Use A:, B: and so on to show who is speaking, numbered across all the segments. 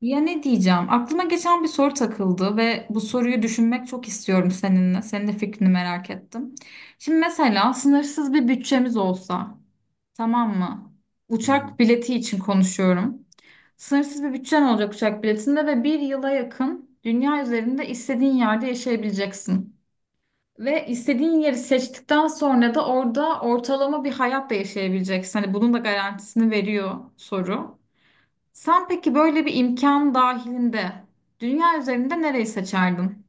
A: Ya ne diyeceğim? Aklıma geçen bir soru takıldı ve bu soruyu düşünmek çok istiyorum seninle. Senin de fikrini merak ettim. Şimdi mesela sınırsız bir bütçemiz olsa, tamam mı?
B: Hı hı.
A: Uçak bileti için konuşuyorum. Sınırsız bir bütçen olacak uçak biletinde ve bir yıla yakın dünya üzerinde istediğin yerde yaşayabileceksin. Ve istediğin yeri seçtikten sonra da orada ortalama bir hayat da yaşayabileceksin. Hani bunun da garantisini veriyor soru. Sen peki böyle bir imkan dahilinde dünya üzerinde nereyi seçerdin?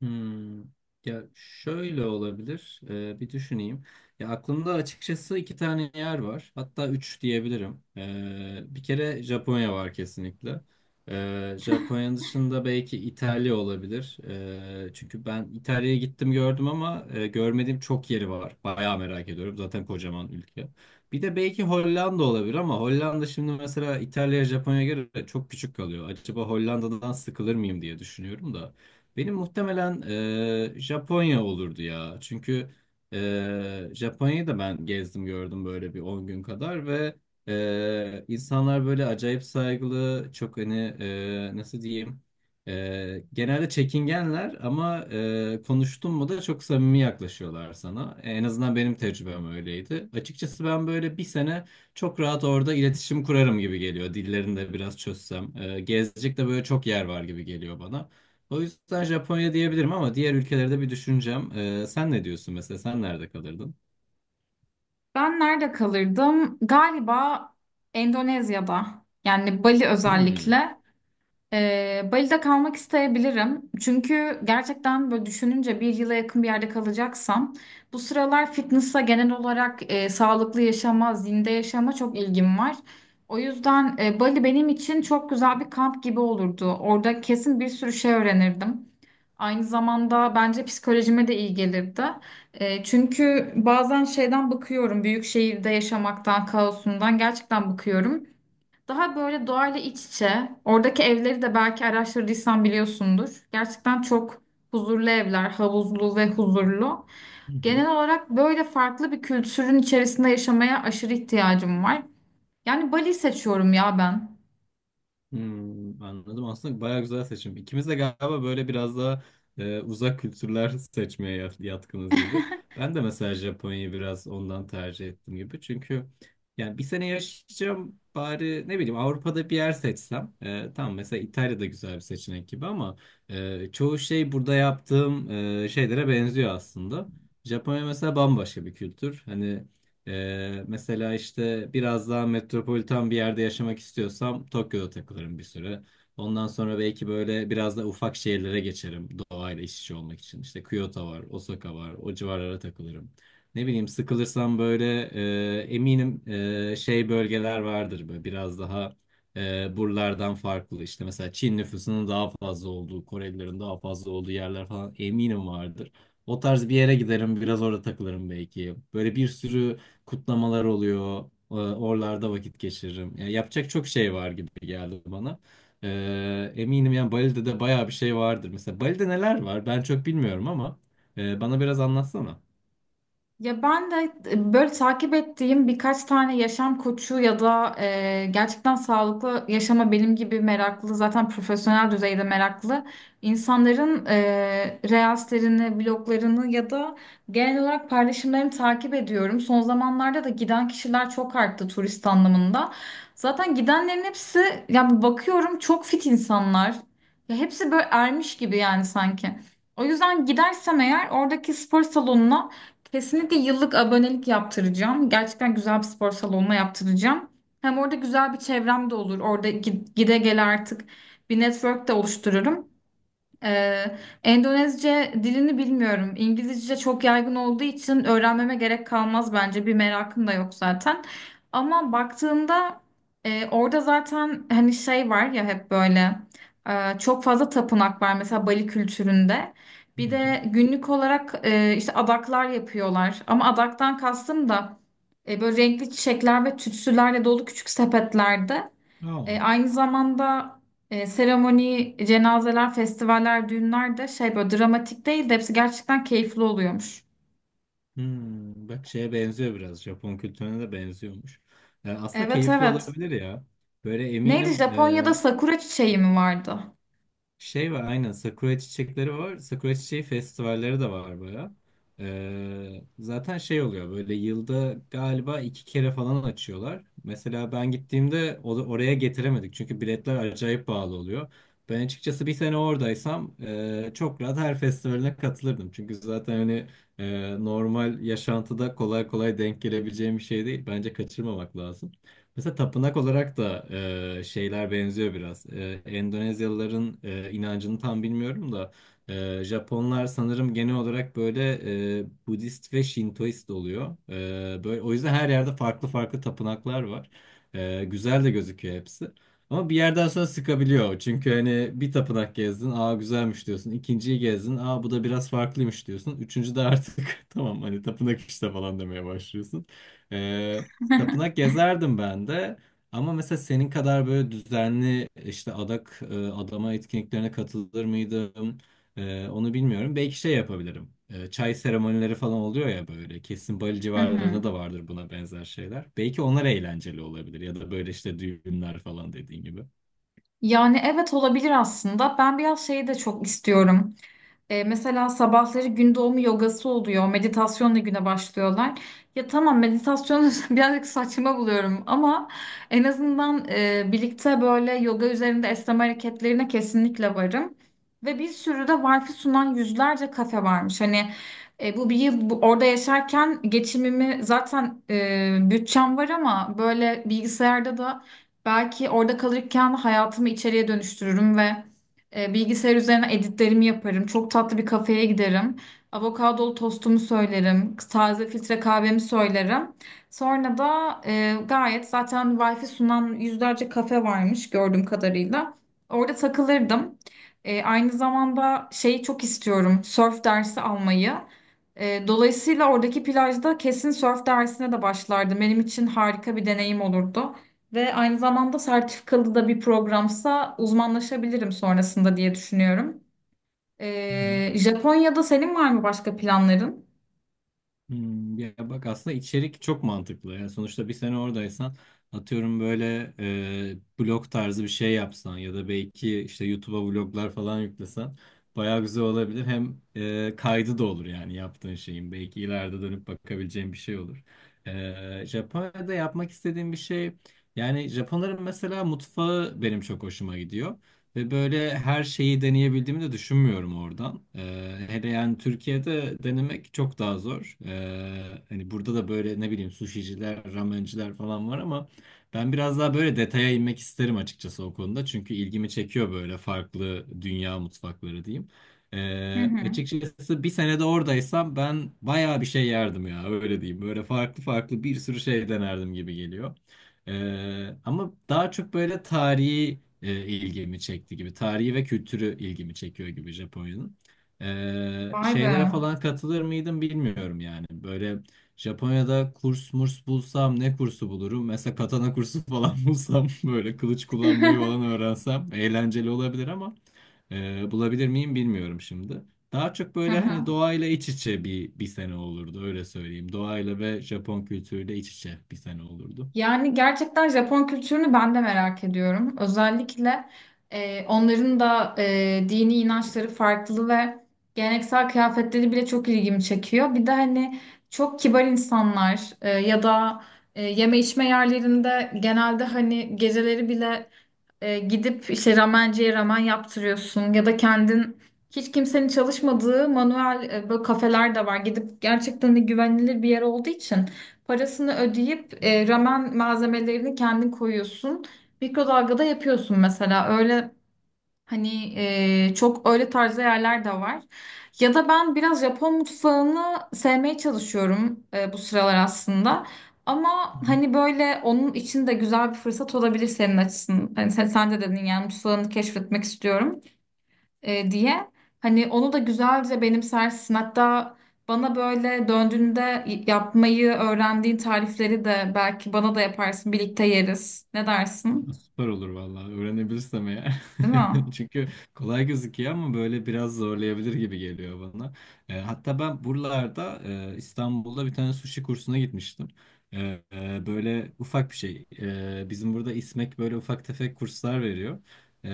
B: Hmm. Ya şöyle olabilir. Bir düşüneyim. Ya aklımda açıkçası iki tane yer var. Hatta üç diyebilirim. Bir kere Japonya var kesinlikle. Japonya dışında belki İtalya olabilir. Çünkü ben İtalya'ya gittim gördüm ama görmediğim çok yeri var. Bayağı merak ediyorum. Zaten kocaman ülke. Bir de belki Hollanda olabilir ama Hollanda şimdi mesela İtalya'ya Japonya'ya göre çok küçük kalıyor. Acaba Hollanda'dan sıkılır mıyım diye düşünüyorum da. Benim muhtemelen Japonya olurdu ya. Çünkü Japonya'yı da ben gezdim gördüm böyle bir 10 gün kadar ve insanlar böyle acayip saygılı, çok hani, nasıl diyeyim, genelde çekingenler ama konuştun mu da çok samimi yaklaşıyorlar sana. En azından benim tecrübem öyleydi. Açıkçası ben böyle bir sene çok rahat orada iletişim kurarım gibi geliyor. Dillerini de biraz çözsem. Gezecek de böyle çok yer var gibi geliyor bana. O yüzden Japonya diyebilirim ama diğer ülkelerde bir düşüneceğim. Sen ne diyorsun mesela? Sen nerede kalırdın?
A: Ben nerede kalırdım? Galiba Endonezya'da. Yani Bali
B: Hmm.
A: özellikle. Bali'de kalmak isteyebilirim. Çünkü gerçekten böyle düşününce bir yıla yakın bir yerde kalacaksam bu sıralar fitness'a genel olarak sağlıklı yaşama, zinde yaşama çok ilgim var. O yüzden Bali benim için çok güzel bir kamp gibi olurdu. Orada kesin bir sürü şey öğrenirdim. Aynı zamanda bence psikolojime de iyi gelirdi. Çünkü bazen şeyden bıkıyorum, büyük şehirde yaşamaktan, kaosundan gerçekten bıkıyorum. Daha böyle doğayla iç içe, oradaki evleri de belki araştırdıysan biliyorsundur. Gerçekten çok huzurlu evler, havuzlu ve huzurlu. Genel olarak böyle farklı bir kültürün içerisinde yaşamaya aşırı ihtiyacım var. Yani Bali seçiyorum ya ben.
B: Hmm, anladım. Aslında bayağı güzel seçim. İkimiz de galiba böyle biraz daha uzak kültürler yatkınız gibi. Ben de mesela Japonya'yı biraz ondan tercih ettim gibi. Çünkü yani bir sene yaşayacağım bari ne bileyim Avrupa'da bir yer seçsem. E, tamam mesela İtalya'da güzel bir seçenek gibi ama çoğu şey burada yaptığım şeylere benziyor aslında. Japonya mesela bambaşka bir kültür. Hani mesela işte biraz daha metropolitan bir yerde yaşamak istiyorsam Tokyo'da takılırım bir süre. Ondan sonra belki böyle biraz da ufak şehirlere geçerim doğayla iç içe olmak için. İşte Kyoto var, Osaka var, o civarlara takılırım. Ne bileyim sıkılırsam böyle, eminim şey bölgeler vardır böyle biraz daha buralardan farklı. İşte mesela Çin nüfusunun daha fazla olduğu, Korelilerin daha fazla olduğu yerler falan eminim vardır. O tarz bir yere giderim, biraz orada takılırım belki. Böyle bir sürü kutlamalar oluyor. Oralarda vakit geçiririm. Yani yapacak çok şey var gibi geldi bana. Eminim yani Bali'de de bayağı bir şey vardır. Mesela Bali'de neler var? Ben çok bilmiyorum ama bana biraz anlatsana.
A: Ya ben de böyle takip ettiğim birkaç tane yaşam koçu ya da gerçekten sağlıklı yaşama benim gibi meraklı zaten profesyonel düzeyde meraklı insanların reelslerini, bloglarını ya da genel olarak paylaşımlarını takip ediyorum. Son zamanlarda da giden kişiler çok arttı turist anlamında. Zaten gidenlerin hepsi ya bakıyorum çok fit insanlar. Ya hepsi böyle ermiş gibi yani sanki. O yüzden gidersem eğer oradaki spor salonuna kesinlikle yıllık abonelik yaptıracağım. Gerçekten güzel bir spor salonuna yaptıracağım. Hem orada güzel bir çevrem de olur. Orada gide gele artık bir network de oluştururum. Ee, Endonezce dilini bilmiyorum. İngilizce çok yaygın olduğu için öğrenmeme gerek kalmaz bence. Bir merakım da yok zaten. Ama baktığımda orada zaten hani şey var ya hep böyle çok fazla tapınak var mesela Bali kültüründe.
B: Hı
A: Bir
B: hı.
A: de günlük olarak işte adaklar yapıyorlar. Ama adaktan kastım da böyle renkli çiçekler ve tütsülerle dolu küçük sepetlerde.
B: Aa.
A: Aynı zamanda seremoni, cenazeler, festivaller, düğünler de şey böyle dramatik değil de hepsi gerçekten keyifli oluyormuş.
B: Hmm, bak şeye benziyor biraz. Japon kültürüne de benziyormuş. Yani aslında
A: Evet,
B: keyifli
A: evet.
B: olabilir ya. Böyle
A: Neydi
B: eminim,
A: Japonya'da sakura çiçeği mi vardı?
B: şey var aynen, sakura çiçekleri var. Sakura çiçeği festivalleri de var baya. Zaten şey oluyor, böyle yılda galiba iki kere falan açıyorlar. Mesela ben gittiğimde oraya getiremedik çünkü biletler acayip pahalı oluyor. Ben açıkçası bir sene oradaysam çok rahat her festivaline katılırdım. Çünkü zaten hani normal yaşantıda kolay kolay denk gelebileceğim bir şey değil. Bence kaçırmamak lazım. Mesela tapınak olarak da şeyler benziyor biraz. Endonezyalıların inancını tam bilmiyorum da Japonlar sanırım genel olarak böyle Budist ve Şintoist oluyor. E, böyle o yüzden her yerde farklı farklı tapınaklar var. E, güzel de gözüküyor hepsi. Ama bir yerden sonra sıkabiliyor. Çünkü hani bir tapınak gezdin, aa güzelmiş diyorsun. İkinciyi gezdin, aa bu da biraz farklıymış diyorsun. Üçüncü de artık tamam hani tapınak işte falan demeye başlıyorsun. Tapınak gezerdim ben de. Ama mesela senin kadar böyle düzenli işte adak, adama etkinliklerine katılır mıydım? E, onu bilmiyorum. Belki şey yapabilirim. E, çay seremonileri falan oluyor ya böyle. Kesin Bali
A: Hı hı.
B: civarlarında da vardır buna benzer şeyler. Belki onlar eğlenceli olabilir ya da böyle işte düğünler falan dediğin gibi.
A: Yani evet olabilir aslında. Ben biraz şeyi de çok istiyorum. Mesela sabahları gün doğumu yogası oluyor. Meditasyonla güne başlıyorlar. Ya tamam meditasyonu birazcık saçma buluyorum ama en azından birlikte böyle yoga üzerinde esneme hareketlerine kesinlikle varım. Ve bir sürü de wifi sunan yüzlerce kafe varmış. Hani bu bir yıl orada yaşarken geçimimi zaten bütçem var ama böyle bilgisayarda da belki orada kalırken hayatımı içeriye dönüştürürüm ve bilgisayar üzerine editlerimi yaparım. Çok tatlı bir kafeye giderim. Avokadolu tostumu söylerim. Taze filtre kahvemi söylerim. Sonra da gayet zaten Wi-Fi sunan yüzlerce kafe varmış gördüğüm kadarıyla. Orada takılırdım. Aynı zamanda şeyi çok istiyorum. Surf dersi almayı. Dolayısıyla oradaki plajda kesin surf dersine de başlardım. Benim için harika bir deneyim olurdu. Ve aynı zamanda sertifikalı da bir programsa uzmanlaşabilirim sonrasında diye düşünüyorum. Japonya'da senin var mı başka planların?
B: Hmm, ya bak aslında içerik çok mantıklı. Yani sonuçta bir sene oradaysan atıyorum böyle blog tarzı bir şey yapsan ya da belki işte YouTube'a vloglar falan yüklesen bayağı güzel olabilir. Hem kaydı da olur yani yaptığın şeyin. Belki ileride dönüp bakabileceğin bir şey olur. E, Japonya'da yapmak istediğim bir şey, yani Japonların mesela mutfağı benim çok hoşuma gidiyor. Ve böyle her şeyi deneyebildiğimi de düşünmüyorum oradan. Hele yani Türkiye'de denemek çok daha zor. Hani burada da böyle ne bileyim suşiciler, ramenciler falan var ama ben biraz daha böyle detaya inmek isterim açıkçası o konuda. Çünkü ilgimi çekiyor böyle farklı dünya mutfakları diyeyim.
A: Hı hı.
B: Açıkçası bir senede oradaysam ben bayağı bir şey yerdim ya, öyle diyeyim. Böyle farklı farklı bir sürü şey denerdim gibi geliyor. Ama daha çok böyle tarihi ilgimi çekti gibi. Tarihi ve kültürü ilgimi çekiyor gibi Japonya'nın. E,
A: Vay be.
B: şeylere falan katılır mıydım bilmiyorum yani. Böyle Japonya'da kurs murs bulsam ne kursu bulurum? Mesela katana kursu falan bulsam böyle kılıç kullanmayı falan öğrensem eğlenceli olabilir ama bulabilir miyim bilmiyorum şimdi. Daha çok
A: Hı
B: böyle
A: hı.
B: hani doğayla iç içe bir sene olurdu, öyle söyleyeyim. Doğayla ve Japon kültürüyle iç içe bir sene olurdu.
A: Yani gerçekten Japon kültürünü ben de merak ediyorum. Özellikle onların da dini inançları farklı ve geleneksel kıyafetleri bile çok ilgimi çekiyor. Bir de hani çok kibar insanlar ya da yeme içme yerlerinde genelde hani geceleri bile gidip işte ramenciye ramen yaptırıyorsun ya da kendin hiç kimsenin çalışmadığı manuel böyle kafeler de var. Gidip gerçekten de güvenilir bir yer olduğu için parasını ödeyip ramen malzemelerini kendin koyuyorsun. Mikrodalgada yapıyorsun mesela. Öyle hani çok öyle tarzda yerler de var. Ya da ben biraz Japon mutfağını sevmeye çalışıyorum bu sıralar aslında. Ama hani böyle onun için de güzel bir fırsat olabilir senin açısından. Hani sen de dedin yani mutfağını keşfetmek istiyorum diye. Hani onu da güzelce benimsersin. Hatta bana böyle döndüğünde yapmayı öğrendiğin tarifleri de belki bana da yaparsın. Birlikte yeriz. Ne dersin?
B: Süper olur vallahi, öğrenebilirsem eğer.
A: Değil mi?
B: Çünkü kolay gözüküyor ama böyle biraz zorlayabilir gibi geliyor bana. Hatta ben buralarda İstanbul'da bir tane sushi kursuna gitmiştim. E, Böyle ufak bir şey. E, bizim burada İSMEK böyle ufak tefek kurslar veriyor. E,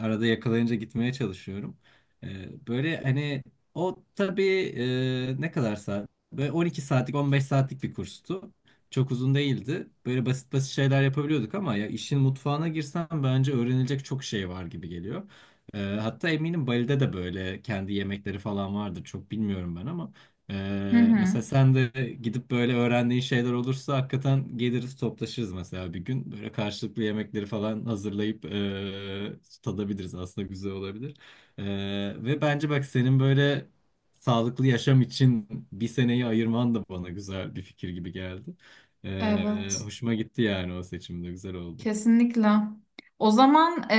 B: Arada yakalayınca gitmeye çalışıyorum. E, böyle hani o tabii, ne kadar saat? Böyle 12 saatlik 15 saatlik bir kurstu. Çok uzun değildi. Böyle basit basit şeyler yapabiliyorduk ama ya işin mutfağına girsem bence öğrenilecek çok şey var gibi geliyor. Hatta eminim Bali'de de böyle kendi yemekleri falan vardır. Çok bilmiyorum ben ama
A: Hı hı.
B: mesela sen de gidip böyle öğrendiğin şeyler olursa hakikaten geliriz toplaşırız mesela bir gün. Böyle karşılıklı yemekleri falan hazırlayıp tadabiliriz. Aslında güzel olabilir. Ee, Ve bence bak senin böyle sağlıklı yaşam için bir seneyi ayırman da bana güzel bir fikir gibi geldi.
A: Evet.
B: Hoşuma gitti yani, o seçimde güzel oldu.
A: Kesinlikle. O zaman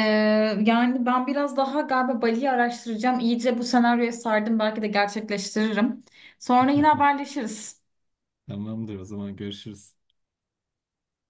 A: yani ben biraz daha galiba Bali'yi araştıracağım. İyice bu senaryoya sardım. Belki de gerçekleştiririm. Sonra yine haberleşiriz.
B: Tamamdır o zaman, görüşürüz.